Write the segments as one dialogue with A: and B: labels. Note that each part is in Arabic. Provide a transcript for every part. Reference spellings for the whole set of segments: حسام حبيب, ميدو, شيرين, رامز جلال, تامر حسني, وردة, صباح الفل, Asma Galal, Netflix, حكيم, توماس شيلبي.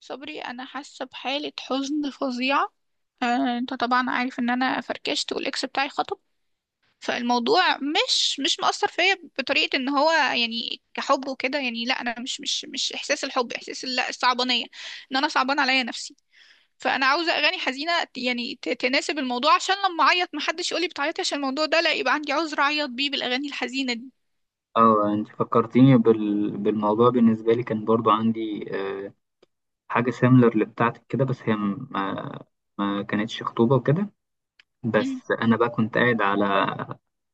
A: صبري، انا حاسه بحاله حزن فظيعه. آه، انت طبعا عارف ان انا فركشت والاكس بتاعي خطب. فالموضوع مش مأثر فيا بطريقه ان هو يعني كحب وكده، يعني لا، انا مش احساس الحب، احساس لا، الصعبانيه ان انا صعبان عليا نفسي. فانا عاوزه اغاني حزينه يعني تناسب الموضوع، عشان لما اعيط محدش يقولي بتعيطي عشان الموضوع ده، لا يبقى عندي عذر اعيط بيه بالاغاني الحزينه دي.
B: اه انت فكرتيني بالموضوع. بالنسبة لي كان برضو عندي حاجة سيميلر لبتاعتك كده، بس هي ما كانتش خطوبة وكده. بس أنا بقى كنت قاعد على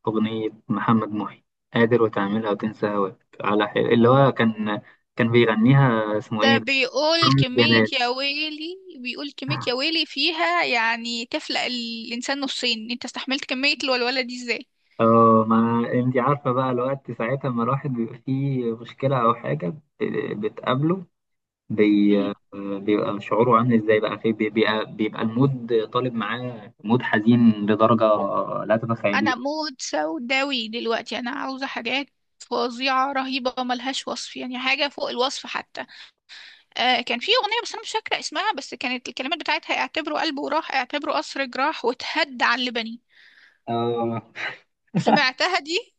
B: أغنية محمد محي، قادر وتعملها وتنسى هواك، على اللي هو كان بيغنيها اسمه ايه
A: ده
B: ده؟
A: بيقول
B: رامز
A: كمية
B: جلال.
A: يا ويلي، فيها، يعني تفلق الإنسان نصين. انت استحملت كمية الولولة دي ازاي؟
B: اه، ما انت عارفة بقى الوقت ساعتها، ما الواحد بيبقى فيه مشكلة أو حاجة بتقابله، بي...
A: مم.
B: بيبقى شعوره عامل ازاي بقى، في بيبقى المود طالب معاه مود حزين لدرجة لا
A: أنا
B: تتخيليها.
A: مود سوداوي دلوقتي، أنا عاوزة حاجات فظيعة رهيبة ملهاش وصف، يعني حاجة فوق الوصف حتى. آه، كان في أغنية بس أنا مش فاكرة اسمها، بس كانت الكلمات بتاعتها: اعتبره قلبه راح، اعتبره قصر جراح، وتهد على اللبني.
B: آه
A: سمعتها دي؟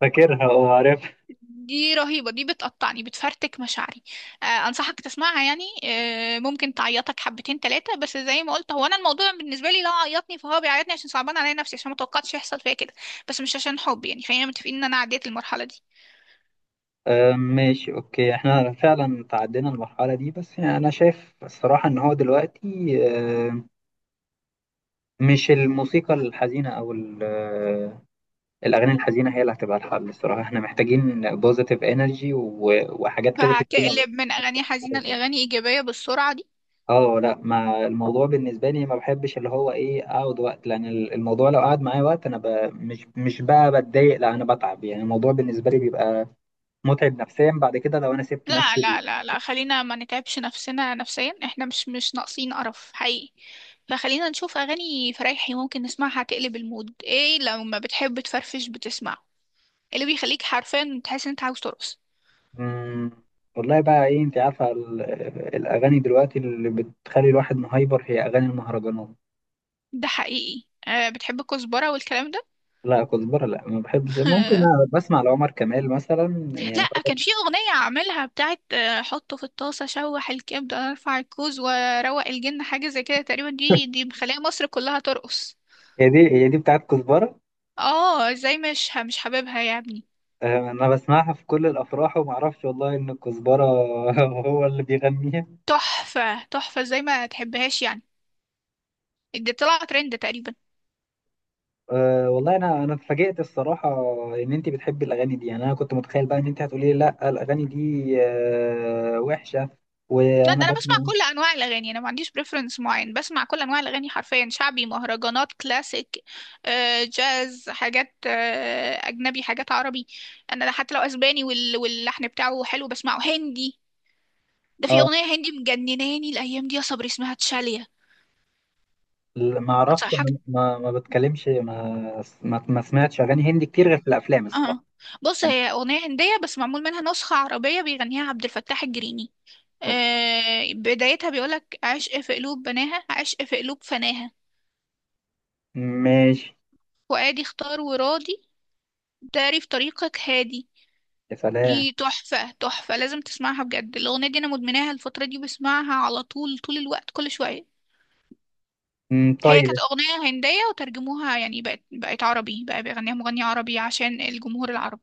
B: فاكرها وعارف.
A: دي رهيبة، دي بتقطعني، بتفرتك مشاعري. آه، أنصحك تسمعها يعني. آه، ممكن تعيطك حبتين تلاتة. بس زي ما قلت، هو أنا الموضوع بالنسبة لي لو عيطني فهو بيعيطني عشان صعبان عليا نفسي، عشان متوقعتش يحصل فيا كده. بس مش عشان حب، يعني خلينا متفقين إن أنا عديت المرحلة دي.
B: آه ماشي، اوكي، احنا فعلا تعدينا المرحلة دي، بس يعني انا شايف الصراحة ان هو دلوقتي آه، مش الموسيقى الحزينة او الاغاني الحزينة هي اللي هتبقى الحل. الصراحة احنا محتاجين بوزيتيف انرجي وحاجات كده
A: فهتقلب من أغاني حزينة
B: تدينا.
A: لأغاني إيجابية بالسرعة دي؟
B: اه لا، ما الموضوع بالنسبه لي ما بحبش اللي هو ايه، اقعد وقت، لان الموضوع لو قعد معايا وقت انا مش بقى بتضايق، لا انا بتعب. يعني الموضوع بالنسبه لي بيبقى متعب نفسيا بعد كده لو انا سبت
A: لا،
B: نفسي ليه.
A: لا، لا، لا، خلينا ما نتعبش نفسنا نفسيا. احنا مش ناقصين قرف حقيقي. فخلينا نشوف أغاني فرايحي ممكن نسمعها تقلب المود. ايه لو ما بتحب تفرفش، بتسمع اللي بيخليك حرفيا تحس ان انت عاوز ترقص؟
B: مم، والله بقى ايه، انت عارفه الاغاني دلوقتي اللي بتخلي الواحد مهايبر هي اغاني المهرجانات.
A: ده حقيقي. أه، بتحب الكزبرة والكلام ده؟
B: لا كزبره، لا ما بحبش. ممكن أنا بسمع لعمر كمال مثلا يعني.
A: لا، كان في أغنية عاملها بتاعت حطه في الطاسة، شوح الكبدة، ارفع الكوز وروق الجن، حاجة زي كده تقريبا. دي مخلية مصر كلها ترقص.
B: هي دي، هي دي بتاعت كزبره.
A: اه، ازاي مش حاببها يا ابني؟
B: آه، انا بسمعها في كل الافراح وما اعرفش والله ان الكزبره هو اللي بيغنيها.
A: تحفة تحفة! ازاي ما تحبهاش يعني؟ دي طلع ترند تقريبا.
B: أه والله انا اتفاجئت الصراحه ان انت بتحبي الاغاني دي. يعني انا كنت متخيل بقى ان انت هتقولي لي لا الاغاني دي أه وحشه.
A: لا،
B: وانا
A: ده انا بسمع
B: بسمع
A: كل انواع الاغاني، انا ما عنديش بريفرنس معين، بسمع كل انواع الاغاني حرفيا: شعبي، مهرجانات، كلاسيك، جاز، حاجات اجنبي، حاجات عربي. انا حتى لو اسباني واللحن بتاعه حلو بسمعه. هندي، ده في
B: اه
A: اغنيه هندي مجنناني الايام دي يا صبري، اسمها تشاليا.
B: ما اعرفش،
A: انصحك.
B: انا ما بتكلمش، ما سمعتش اغاني هندي كتير غير في الافلام الصراحه
A: اه، بص،
B: يعني.
A: هي اغنيه هنديه بس معمول منها نسخه عربيه بيغنيها عبد الفتاح الجريني.
B: أوكي.
A: بدايتها بيقولك: عشق في قلوب بناها، عشق في قلوب فناها،
B: ماشي.
A: فؤادي اختار وراضي، تعرف طريقك هادي.
B: يا سلام.
A: دي تحفة تحفة، لازم تسمعها بجد. الأغنية دي أنا مدمناها الفترة دي، بسمعها على طول، طول الوقت، كل شوية.
B: مم،
A: هي
B: طيب.
A: كانت أغنية هندية وترجموها، يعني بقت عربي، بقى بيغنيها مغني عربي عشان الجمهور العربي.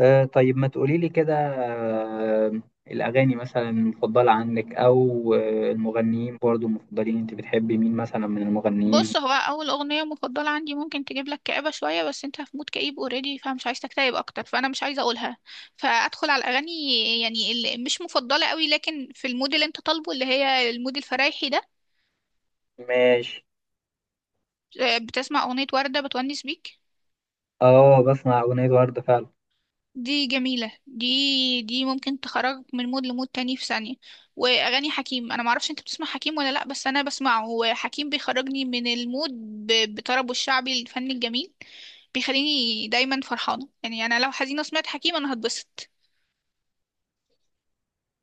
B: أه طيب، ما تقولي لي كده. أه الاغاني مثلا المفضله عندك، او آه، المغنيين برضو المفضلين، انت بتحبي مين مثلا من المغنيين؟
A: بص، هو أول أغنية مفضلة عندي ممكن تجيب لك كآبة شوية، بس أنت في مود كئيب أوريدي فمش عايز تكتئب أكتر، فأنا مش عايزة أقولها. فأدخل على الأغاني يعني اللي مش مفضلة قوي، لكن في المود اللي أنت طالبه، اللي هي المود الفرايحي ده.
B: ماشي.
A: بتسمع أغنية وردة بتونس بيك؟
B: اه، بسمع أغنية وردة فعلا.
A: دي جميلة، دي ممكن تخرج من مود لمود تاني في ثانية. وأغاني حكيم، أنا معرفش أنت بتسمع حكيم ولا لأ، بس أنا بسمعه، وحكيم بيخرجني من المود بطربه الشعبي، الفن الجميل. بيخليني دايما فرحانة، يعني أنا لو حزينة سمعت حكيم أنا هتبسط.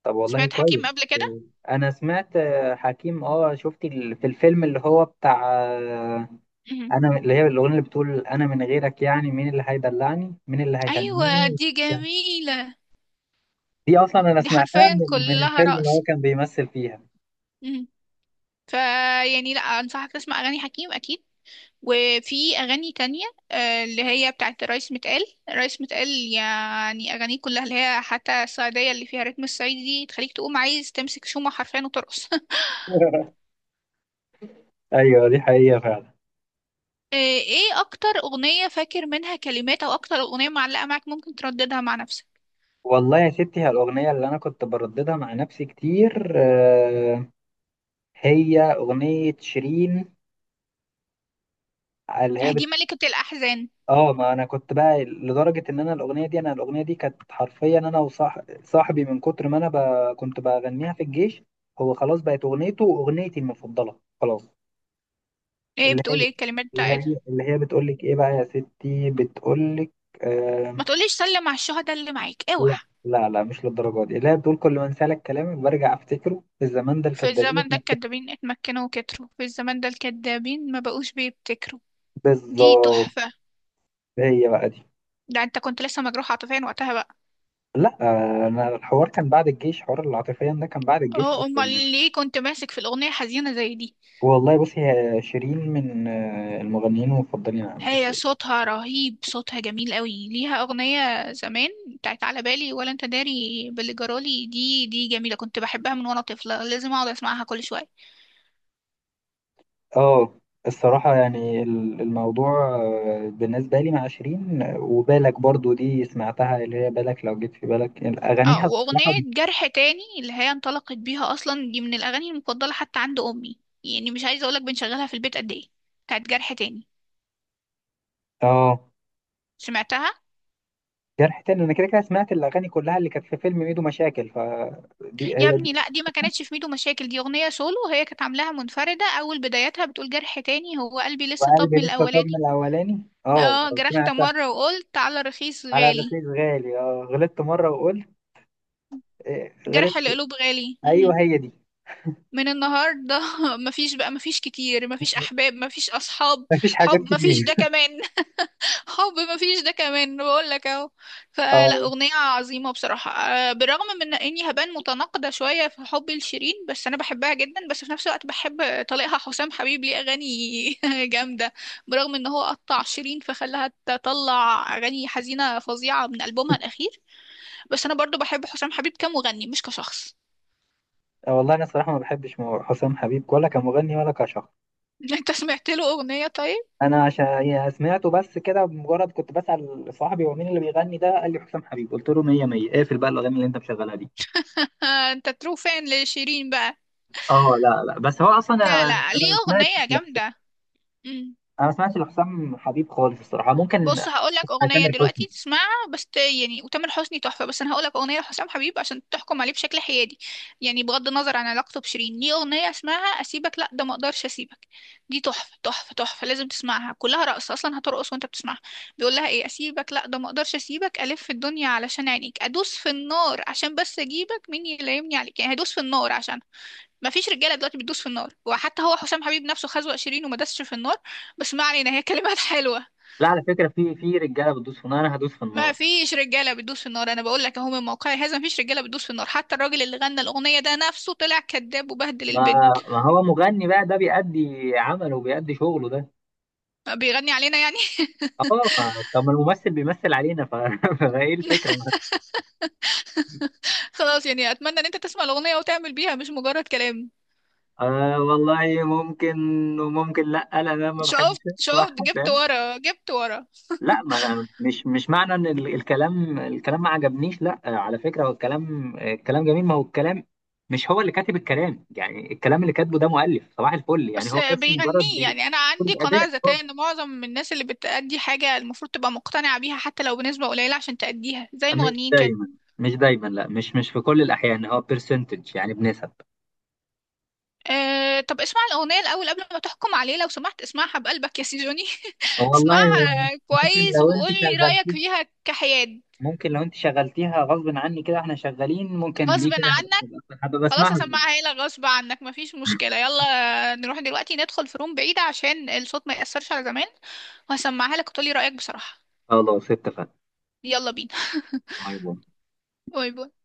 B: طب والله
A: سمعت حكيم
B: كويس.
A: قبل كده؟
B: أنا سمعت آه، حكيم. اه شفت في الفيلم اللي هو بتاع آه،
A: مهم.
B: أنا اللي هي الأغنية اللي بتقول أنا من غيرك يعني، مين اللي هيدلعني، مين اللي
A: أيوة،
B: هيهنيني.
A: دي جميلة.
B: دي أصلا أنا
A: دي
B: سمعتها
A: حرفيا
B: من
A: كلها
B: الفيلم اللي هو
A: رقص.
B: كان بيمثل فيها.
A: مهم. فيعني لأ، أنصحك تسمع أغاني حكيم أكيد. وفي أغاني تانية، اللي هي بتاعت رايس متقال، رايس متقال. يعني أغانيه كلها، اللي هي حتى الصعيدية اللي فيها رتم الصعيدي، دي تخليك تقوم عايز تمسك شومة حرفيا وترقص.
B: أيوه دي حقيقة فعلا.
A: ايه أكتر أغنية فاكر منها كلمات، أو أكتر أغنية معلقة معاك ممكن ترددها مع نفسك؟
B: والله يا ستي، هي الأغنية اللي أنا كنت برددها مع نفسي كتير آه، هي أغنية شيرين، اللي هي
A: هدي ملكة الأحزان.
B: اه، ما انا كنت بقى لدرجه ان انا الاغنيه دي كانت حرفيا، انا وصاحبي من كتر ما انا كنت بغنيها في الجيش. هو خلاص بقت اغنيته واغنيتي المفضله خلاص.
A: ايه،
B: اللي هي
A: بتقول ايه الكلمات
B: اللي
A: بتاعتها؟
B: هي اللي هي بتقول لك ايه بقى يا ستي، بتقول لك آه...
A: ما تقوليش سلم على الشهداء اللي معاك، اوعى!
B: لا لا لا، مش للدرجه دي. اللي هي بتقول كل ما انسى لك كلامك برجع افتكره، الزمان ده
A: في
B: الكدابين
A: الزمن ده
B: اتنكدوا.
A: الكدابين اتمكنوا وكتروا، في الزمن ده الكدابين ما بقوش بيبتكروا. دي
B: بالظبط.
A: تحفة.
B: هي بقى دي.
A: ده انت كنت لسه مجروح عاطفيا وقتها بقى؟
B: لا آه، انا الحوار كان بعد الجيش، حوار العاطفيا ده كان بعد الجيش اصلا
A: اه، امال
B: يعني.
A: ليه كنت ماسك في الاغنيه حزينه زي دي؟
B: والله بصي، هي شيرين من آه، المغنيين المفضلين عندي
A: هي
B: الصراحة.
A: صوتها رهيب، صوتها جميل قوي. ليها اغنيه زمان بتاعت على بالي ولا انت داري باللي جرالي. دي جميله، كنت بحبها من وانا طفله، لازم اقعد اسمعها كل شويه.
B: اه، الصراحة يعني الموضوع آه، بالنسبة لي مع شيرين آه، وبالك برضو دي سمعتها، اللي هي بالك لو جيت في بالك، يعني
A: اه،
B: أغانيها
A: واغنيه
B: الصراحة.
A: جرح تاني اللي هي انطلقت بيها اصلا، دي من الاغاني المفضله حتى عند امي. يعني مش عايزه اقولك بنشغلها في البيت قد ايه، بتاعت جرح تاني.
B: اه،
A: سمعتها؟
B: جرح تاني أنا كده كده سمعت الأغاني كلها اللي كانت في فيلم ميدو مشاكل، فدي
A: يا
B: هي دي.
A: ابني لا، دي ما كانتش في ميدو مشاكل، دي اغنيه سولو، هي كانت عاملاها منفرده. اول بدايتها بتقول: جرح تاني، هو قلبي لسه طب
B: وقلبي
A: من
B: لسه طب من
A: الاولاني.
B: الأولاني، اه
A: اه، جرحت
B: سمعتها.
A: مرة وقلت على رخيص
B: على
A: غالي،
B: الرخيص غالي، اه غلطت مرة وقلت آه،
A: جرح
B: غلطت.
A: القلوب غالي. مهم.
B: أيوه هي دي.
A: من النهاردة، مفيش بقى، مفيش كتير، مفيش أحباب، مفيش أصحاب.
B: مفيش حاجات
A: حب مفيش ده
B: كتير.
A: كمان. حب مفيش ده كمان، بقول لك اهو.
B: اه.
A: فلا، أغنية عظيمة بصراحة. بالرغم من إني هبان متناقضة شوية في حبي لشيرين، بس أنا بحبها جدا، بس في نفس الوقت بحب طليقها حسام حبيب، ليه أغاني جامدة. برغم إن هو قطع شيرين فخلاها تطلع أغاني حزينة فظيعة من ألبومها الأخير، بس انا برضو بحب حسام حبيب كمغني، مش كشخص.
B: آه، والله انا صراحه ما بحبش حسام حبيب، ولا كمغني ولا كشخص.
A: انت سمعت له اغنية طيب؟
B: انا عشان يعني سمعته بس كده بمجرد، كنت بسال صاحبي هو مين اللي بيغني ده، قال لي حسام حبيب، قلت له 100 100 اقفل بقى الاغاني اللي انت مشغلها دي.
A: آه، انت ترو فان لشيرين بقى.
B: اه لا لا، بس هو اصلا انا
A: لا، لا، ليه
B: ما
A: اغنية
B: سمعتش
A: جامدة.
B: انا ما سمعتش لحسام حبيب خالص الصراحه، ممكن
A: بص، هقول لك
B: اسمع.
A: اغنيه
B: تامر حسني.
A: دلوقتي تسمعها بس يعني. وتامر حسني تحفه، بس انا هقول لك اغنيه لحسام حبيب عشان تحكم عليه بشكل حيادي، يعني بغض النظر عن علاقته بشيرين. ليه اغنيه اسمها اسيبك، لا ده ما اقدرش اسيبك. دي تحفه تحفه تحفه، لازم تسمعها، كلها رقص اصلا، هترقص وانت بتسمعها. بيقول لها ايه: اسيبك، لا ده ما اقدرش اسيبك، الف في الدنيا علشان عينيك، ادوس في النار عشان بس اجيبك، مين يلايمني عليك. يعني هدوس في النار، عشان ما فيش رجاله دلوقتي بتدوس في النار، وحتى هو حسام حبيب نفسه خزوق شيرين وما دسش في النار. بس ما علينا، هي كلمات حلوه.
B: لا على فكره، في رجاله بتدوس في النار، انا هدوس في
A: ما
B: النار.
A: فيش رجاله بتدوس في النار، انا بقول لك اهو من موقعي هذا، ما فيش رجاله بتدوس في النار، حتى الراجل اللي غنى الاغنيه ده نفسه طلع كذاب وبهدل
B: ما
A: البنت.
B: ما هو مغني بقى ده، بيأدي عمله وبيأدي شغله ده.
A: بيغني علينا يعني.
B: اه طب، ما الممثل بيمثل علينا فايه الفكره.
A: خلاص، يعني اتمنى ان انت تسمع الاغنيه وتعمل بيها، مش مجرد كلام.
B: آه والله ممكن. وممكن لا لا، انا ما بحبش
A: شفت؟ شفت؟
B: اسمعها
A: جبت
B: فاهم.
A: ورا، جبت ورا!
B: لا، ما أنا مش معنى ان الكلام ما عجبنيش، لا آه، على فكره هو الكلام آه، الكلام جميل. ما هو الكلام مش هو اللي كاتب الكلام يعني، الكلام اللي كاتبه ده مؤلف صباح الفل يعني،
A: بس
B: هو بس مجرد
A: بيغنيه
B: بيقول.
A: يعني، انا عندي
B: الاداء
A: قناعه
B: آه،
A: ذكيه ان معظم الناس اللي بتأدي حاجه المفروض تبقى مقتنعه بيها حتى لو بنسبه قليله عشان تأديها، زي
B: مش
A: المغنيين كده.
B: دايما مش دايما، لا مش في كل الاحيان، هو بيرسنتج يعني بنسب.
A: أه، طب اسمع الأغنية الأول قبل ما تحكم عليه لو سمحت، اسمعها بقلبك يا سيزوني.
B: آه، والله هو
A: اسمعها
B: ممكن
A: كويس
B: لو انت
A: وقول لي
B: شغال،
A: رأيك فيها كحياد.
B: ممكن لو انت شغلتيها غصب عني كده واحنا شغالين، ممكن دي
A: غصب
B: كده
A: عنك؟
B: هبقى
A: خلاص،
B: بسمعها زوجي.
A: هسمعها لك غصب عنك، مفيش مشكلة. يلا نروح دلوقتي ندخل في روم بعيدة عشان الصوت ما يأثرش على زمان، وهسمعها لك وتقولي رأيك بصراحة.
B: خلاص اتفقنا.
A: يلا بينا.
B: باي باي.
A: باي باي.